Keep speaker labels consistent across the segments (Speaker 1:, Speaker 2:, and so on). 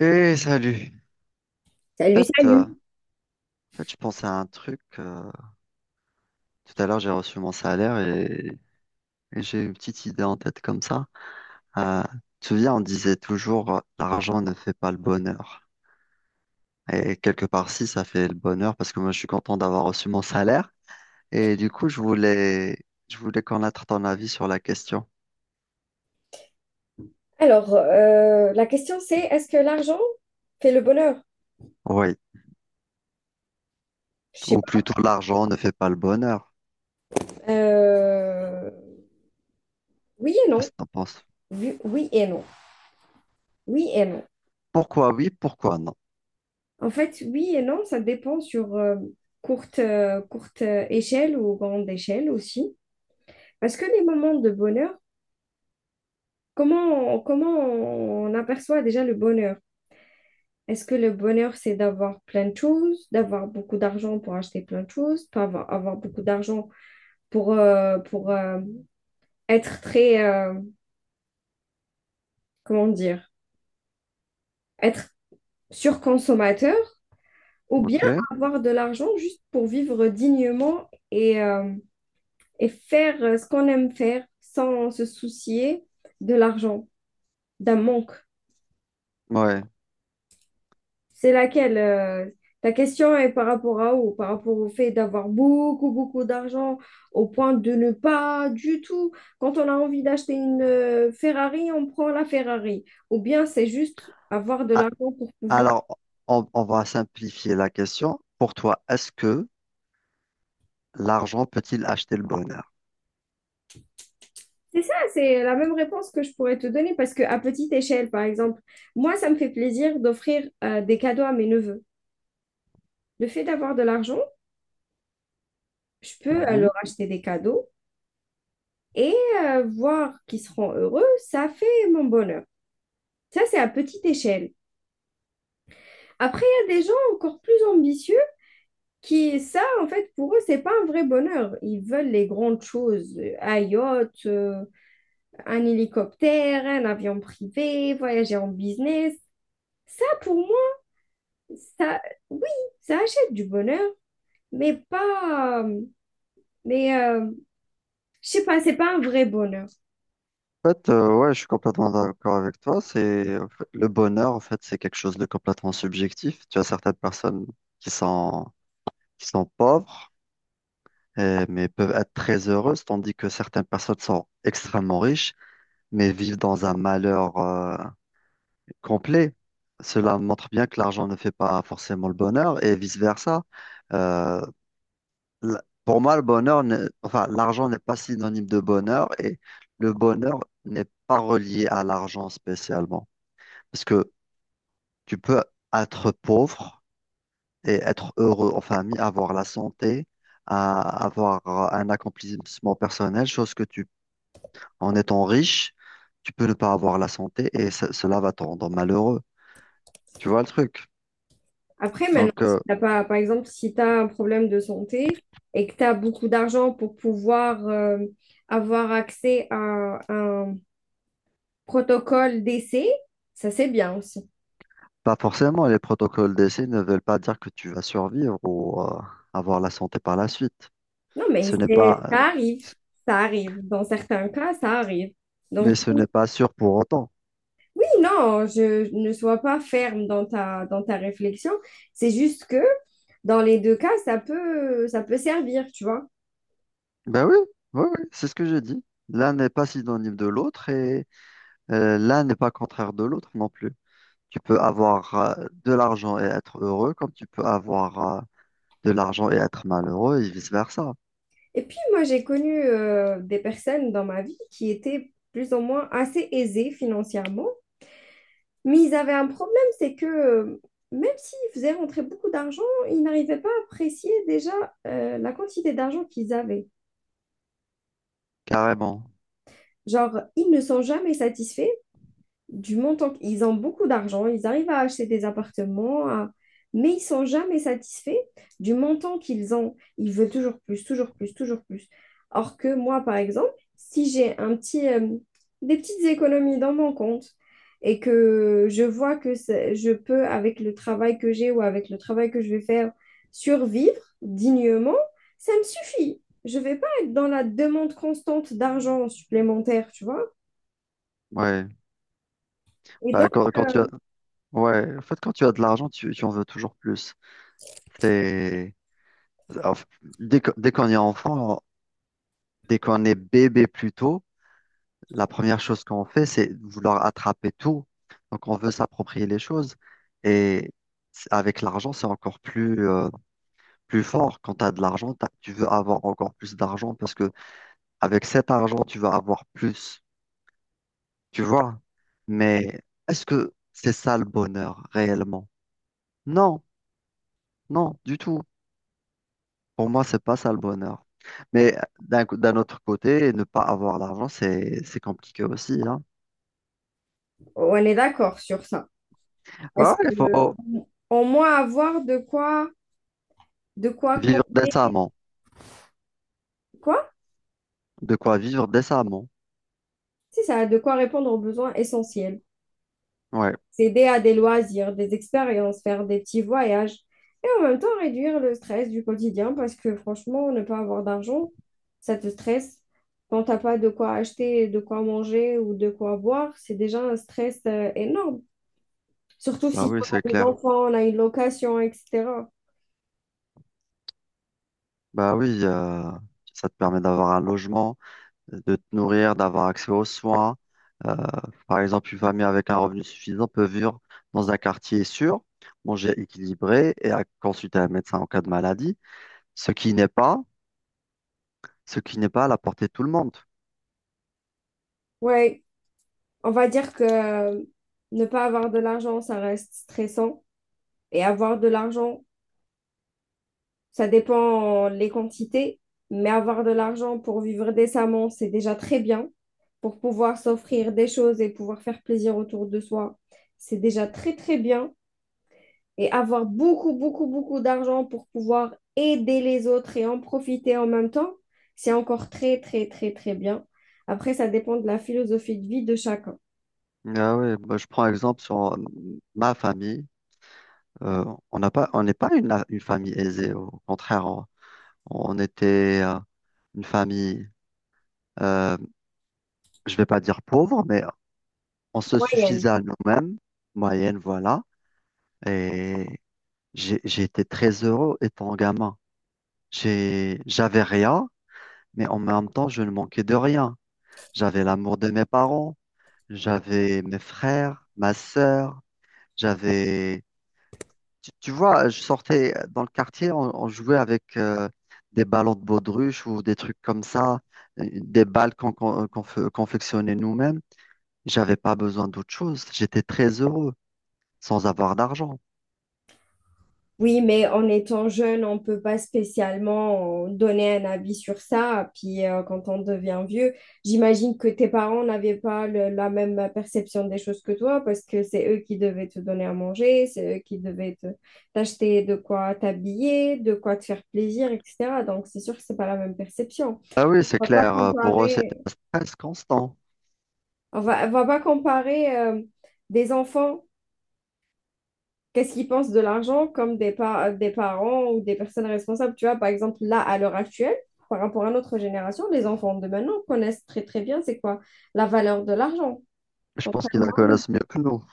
Speaker 1: Eh, salut. En
Speaker 2: Salut,
Speaker 1: fait, euh,
Speaker 2: salut.
Speaker 1: en fait, je pensais à un truc. Tout à l'heure, j'ai reçu mon salaire et j'ai une petite idée en tête comme ça. Euh, Tu te souviens, on disait toujours, l'argent ne fait pas le bonheur. Et quelque part, si, ça fait le bonheur parce que moi, je suis content d'avoir reçu mon salaire. Et du coup, je voulais connaître ton avis sur la question.
Speaker 2: Alors, la question c'est, est-ce que l'argent fait le bonheur?
Speaker 1: Oui.
Speaker 2: Je sais
Speaker 1: Ou plutôt, l'argent ne fait pas le bonheur.
Speaker 2: pas. Oui et non.
Speaker 1: Qu'est-ce que t'en penses?
Speaker 2: Oui, oui et non. Oui et non.
Speaker 1: Pourquoi oui, pourquoi non?
Speaker 2: En fait, oui et non, ça dépend sur courte, courte échelle ou grande échelle aussi. Parce que les moments de bonheur, comment, comment on aperçoit déjà le bonheur? Est-ce que le bonheur, c'est d'avoir plein de choses, d'avoir beaucoup d'argent pour acheter plein de choses, pas avoir, avoir beaucoup d'argent pour, être très, comment dire, être surconsommateur ou bien
Speaker 1: Ok.
Speaker 2: avoir de l'argent juste pour vivre dignement et faire ce qu'on aime faire sans se soucier de l'argent, d'un manque.
Speaker 1: Ouais.
Speaker 2: C'est laquelle ta question est par rapport à où? Par rapport au fait d'avoir beaucoup, beaucoup d'argent au point de ne pas du tout. Quand on a envie d'acheter une Ferrari, on prend la Ferrari. Ou bien c'est juste avoir de
Speaker 1: Ah,
Speaker 2: l'argent pour pouvoir.
Speaker 1: alors, on va simplifier la question. Pour toi, est-ce que l'argent peut-il acheter le bonheur?
Speaker 2: C'est ça, c'est la même réponse que je pourrais te donner parce que à petite échelle, par exemple, moi, ça me fait plaisir d'offrir des cadeaux à mes neveux. Le fait d'avoir de l'argent, je peux
Speaker 1: Mhm.
Speaker 2: leur acheter des cadeaux et voir qu'ils seront heureux, ça fait mon bonheur. Ça, c'est à petite échelle. Après, il y a des gens encore plus ambitieux qui, ça, en fait, pour eux, c'est pas un vrai bonheur. Ils veulent les grandes choses, un yacht, un hélicoptère, un avion privé, voyager en business. Ça, pour. Ça, oui, ça achète du bonheur, mais pas. Mais euh, je sais pas, c'est pas un vrai bonheur.
Speaker 1: En fait, ouais, je suis complètement d'accord avec toi. C'est en fait, le bonheur, en fait, c'est quelque chose de complètement subjectif. Tu as certaines personnes qui sont qui sont pauvres, mais peuvent être très heureuses, tandis que certaines personnes sont extrêmement riches, mais vivent dans un malheur complet. Cela montre bien que l'argent ne fait pas forcément le bonheur et vice-versa. Euh, pour moi, le bonheur, n'est- enfin, l'argent n'est pas synonyme de bonheur et le bonheur n'est pas relié à l'argent spécialement. Parce que tu peux être pauvre et être heureux en famille, avoir la santé à avoir un accomplissement personnel, chose que tu... En étant riche, tu peux ne pas avoir la santé et cela va te rendre malheureux. Tu vois le truc?
Speaker 2: Après, maintenant,
Speaker 1: Donc,
Speaker 2: si t'as pas, par exemple, si tu as un problème de santé et que tu as beaucoup d'argent pour pouvoir avoir accès à un protocole d'essai, ça c'est bien aussi.
Speaker 1: pas forcément, les protocoles d'essai ne veulent pas dire que tu vas survivre ou avoir la santé par la suite.
Speaker 2: Non, mais
Speaker 1: Ce n'est pas,
Speaker 2: ça arrive, ça arrive. Dans certains cas, ça arrive.
Speaker 1: Mais
Speaker 2: Donc,
Speaker 1: ce
Speaker 2: oui,
Speaker 1: n'est pas sûr pour autant.
Speaker 2: non, je ne sois pas ferme dans dans ta réflexion. C'est juste que dans les deux cas, ça peut servir, tu vois.
Speaker 1: Ben oui, oui, oui, c'est ce que j'ai dit. L'un n'est pas synonyme de l'autre et l'un n'est pas contraire de l'autre non plus. Tu peux avoir de l'argent et être heureux, comme tu peux avoir de l'argent et être malheureux et vice-versa.
Speaker 2: Et puis, moi, j'ai connu des personnes dans ma vie qui étaient plus ou moins assez aisées financièrement, mais ils avaient un problème, c'est que même s'ils faisaient rentrer beaucoup d'argent, ils n'arrivaient pas à apprécier déjà la quantité d'argent qu'ils avaient.
Speaker 1: Carrément.
Speaker 2: Genre, ils ne sont jamais satisfaits du montant. Ils ont beaucoup d'argent, ils arrivent à acheter des appartements, à- mais ils sont jamais satisfaits du montant qu'ils ont. Ils veulent toujours plus, toujours plus, toujours plus. Or que moi, par exemple, si j'ai des petites économies dans mon compte et que je vois que je peux, avec le travail que j'ai ou avec le travail que je vais faire, survivre dignement, ça me suffit. Je vais pas être dans la demande constante d'argent supplémentaire, tu vois.
Speaker 1: Ouais.
Speaker 2: Et donc,
Speaker 1: Bah, quand
Speaker 2: euh,
Speaker 1: tu as... Ouais, en fait, quand tu as de l'argent, tu en veux toujours plus. C'est... en fait, dès qu'on est enfant, dès qu'on est bébé plutôt, la première chose qu'on fait, c'est vouloir attraper tout. Donc, on veut s'approprier les choses. Et avec l'argent, c'est encore plus, plus fort. Quand tu as de l'argent, tu veux avoir encore plus d'argent parce que avec cet argent, tu vas avoir plus. Tu vois? Mais est-ce que c'est ça le bonheur réellement? Non, non, du tout. Pour moi, c'est pas ça le bonheur. Mais d'un autre côté, ne pas avoir l'argent, c'est compliqué aussi, hein.
Speaker 2: on est d'accord sur ça.
Speaker 1: Ouais,
Speaker 2: Est-ce
Speaker 1: il
Speaker 2: que
Speaker 1: faut
Speaker 2: au moins avoir de quoi,
Speaker 1: vivre décemment.
Speaker 2: quoi?
Speaker 1: De quoi vivre décemment.
Speaker 2: Si ça, a de quoi répondre aux besoins essentiels.
Speaker 1: Ouais,
Speaker 2: S'aider à des loisirs, des expériences, faire des petits voyages et en même temps réduire le stress du quotidien parce que franchement, ne pas avoir d'argent, ça te stresse. Quand t'as pas de quoi acheter, de quoi manger ou de quoi boire, c'est déjà un stress énorme. Surtout
Speaker 1: bah
Speaker 2: si
Speaker 1: oui, c'est
Speaker 2: on a des
Speaker 1: clair.
Speaker 2: enfants, on a une location, etc.
Speaker 1: Bah oui, ça te permet d'avoir un logement, de te nourrir, d'avoir accès aux soins. Euh, Par exemple, une famille avec un revenu suffisant peut vivre dans un quartier sûr, manger équilibré consulter un médecin en cas de maladie, ce qui n'est pas, ce qui n'est pas à la portée de tout le monde.
Speaker 2: Ouais. On va dire que ne pas avoir de l'argent, ça reste stressant. Et avoir de l'argent, ça dépend les quantités, mais avoir de l'argent pour vivre décemment, c'est déjà très bien. Pour pouvoir s'offrir des choses et pouvoir faire plaisir autour de soi, c'est déjà très, très bien. Et avoir beaucoup, beaucoup, beaucoup d'argent pour pouvoir aider les autres et en profiter en même temps, c'est encore très, très, très, très bien. Après, ça dépend de la philosophie de vie de chacun.
Speaker 1: Ah ouais, bah, je prends exemple sur ma famille. Euh, on n'est pas une, une famille aisée. Au contraire, on était une famille, euh, je vais pas dire pauvre, mais on se suffisait
Speaker 2: Moyenne.
Speaker 1: à nous-mêmes, moyenne, voilà. Et j'ai été très heureux étant gamin. J'avais rien, mais en même temps, je ne manquais de rien. J'avais l'amour de mes parents, j'avais mes frères, ma sœur, j'avais... Tu vois, je sortais dans le quartier, on jouait avec des ballons de baudruche ou des trucs comme ça, des balles confectionnait nous-mêmes. J'avais pas besoin d'autre chose. J'étais très heureux sans avoir d'argent.
Speaker 2: Oui, mais en étant jeune, on peut pas spécialement donner un avis sur ça. Puis quand on devient vieux, j'imagine que tes parents n'avaient pas la même perception des choses que toi parce que c'est eux qui devaient te donner à manger, c'est eux qui devaient t'acheter de quoi t'habiller, de quoi te faire plaisir, etc. Donc c'est sûr que c'est pas la même perception.
Speaker 1: Ah oui, c'est
Speaker 2: On va pas
Speaker 1: clair. Pour eux, c'était
Speaker 2: comparer,
Speaker 1: un stress constant.
Speaker 2: on va pas comparer des enfants qu'est-ce qu'ils pensent de l'argent comme des parents ou des personnes responsables. Tu vois, par exemple, là, à l'heure actuelle, par rapport à notre génération, les enfants de maintenant connaissent très, très bien c'est quoi la valeur de l'argent.
Speaker 1: Je pense
Speaker 2: Ah,
Speaker 1: qu'ils la
Speaker 2: nous,
Speaker 1: connaissent mieux que nous.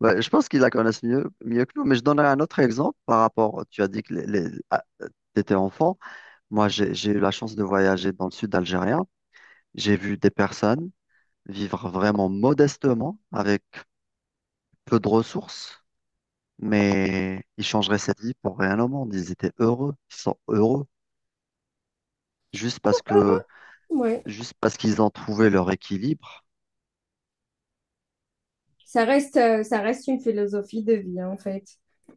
Speaker 1: Ouais, je pense qu'ils la connaissent mieux, mieux que nous. Mais je donnerai un autre exemple par rapport. Tu as dit que tu étais enfant. Moi, j'ai eu la chance de voyager dans le sud algérien. J'ai vu des personnes vivre vraiment modestement, avec peu de ressources, mais ils changeraient cette vie pour rien au monde. Ils étaient heureux, ils sont heureux, juste parce que,
Speaker 2: heureux, ouais.
Speaker 1: juste parce qu'ils ont trouvé leur équilibre.
Speaker 2: Ça reste une philosophie de vie, hein, en fait.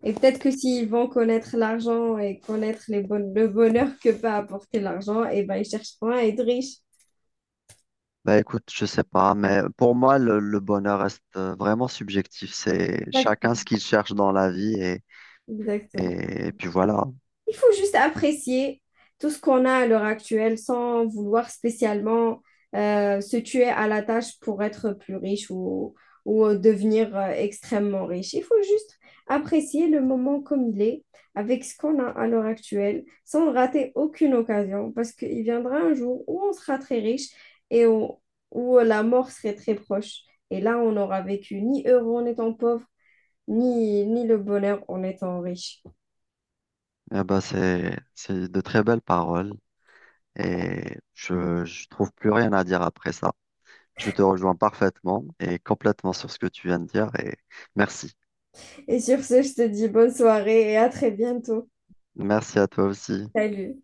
Speaker 2: Et peut-être que s'ils vont connaître l'argent et connaître le bonheur que peut apporter l'argent, et ben ils chercheront à être riches.
Speaker 1: Bah écoute, je sais pas, mais pour moi, le bonheur reste vraiment subjectif. C'est
Speaker 2: Exact,
Speaker 1: chacun ce qu'il cherche dans la vie
Speaker 2: exactement.
Speaker 1: et puis voilà.
Speaker 2: Il faut juste apprécier tout ce qu'on a à l'heure actuelle sans vouloir spécialement se tuer à la tâche pour être plus riche ou devenir extrêmement riche. Il faut juste apprécier le moment comme il est, avec ce qu'on a à l'heure actuelle, sans rater aucune occasion, parce qu'il viendra un jour où on sera très riche et où, où la mort serait très proche. Et là, on n'aura vécu ni heureux en étant pauvre, ni, ni le bonheur en étant riche.
Speaker 1: Eh ben c'est de très belles paroles et je trouve plus rien à dire après ça. Je te rejoins parfaitement et complètement sur ce que tu viens de dire et merci.
Speaker 2: Et sur ce, je te dis bonne soirée et à très bientôt.
Speaker 1: Merci à toi aussi.
Speaker 2: Salut.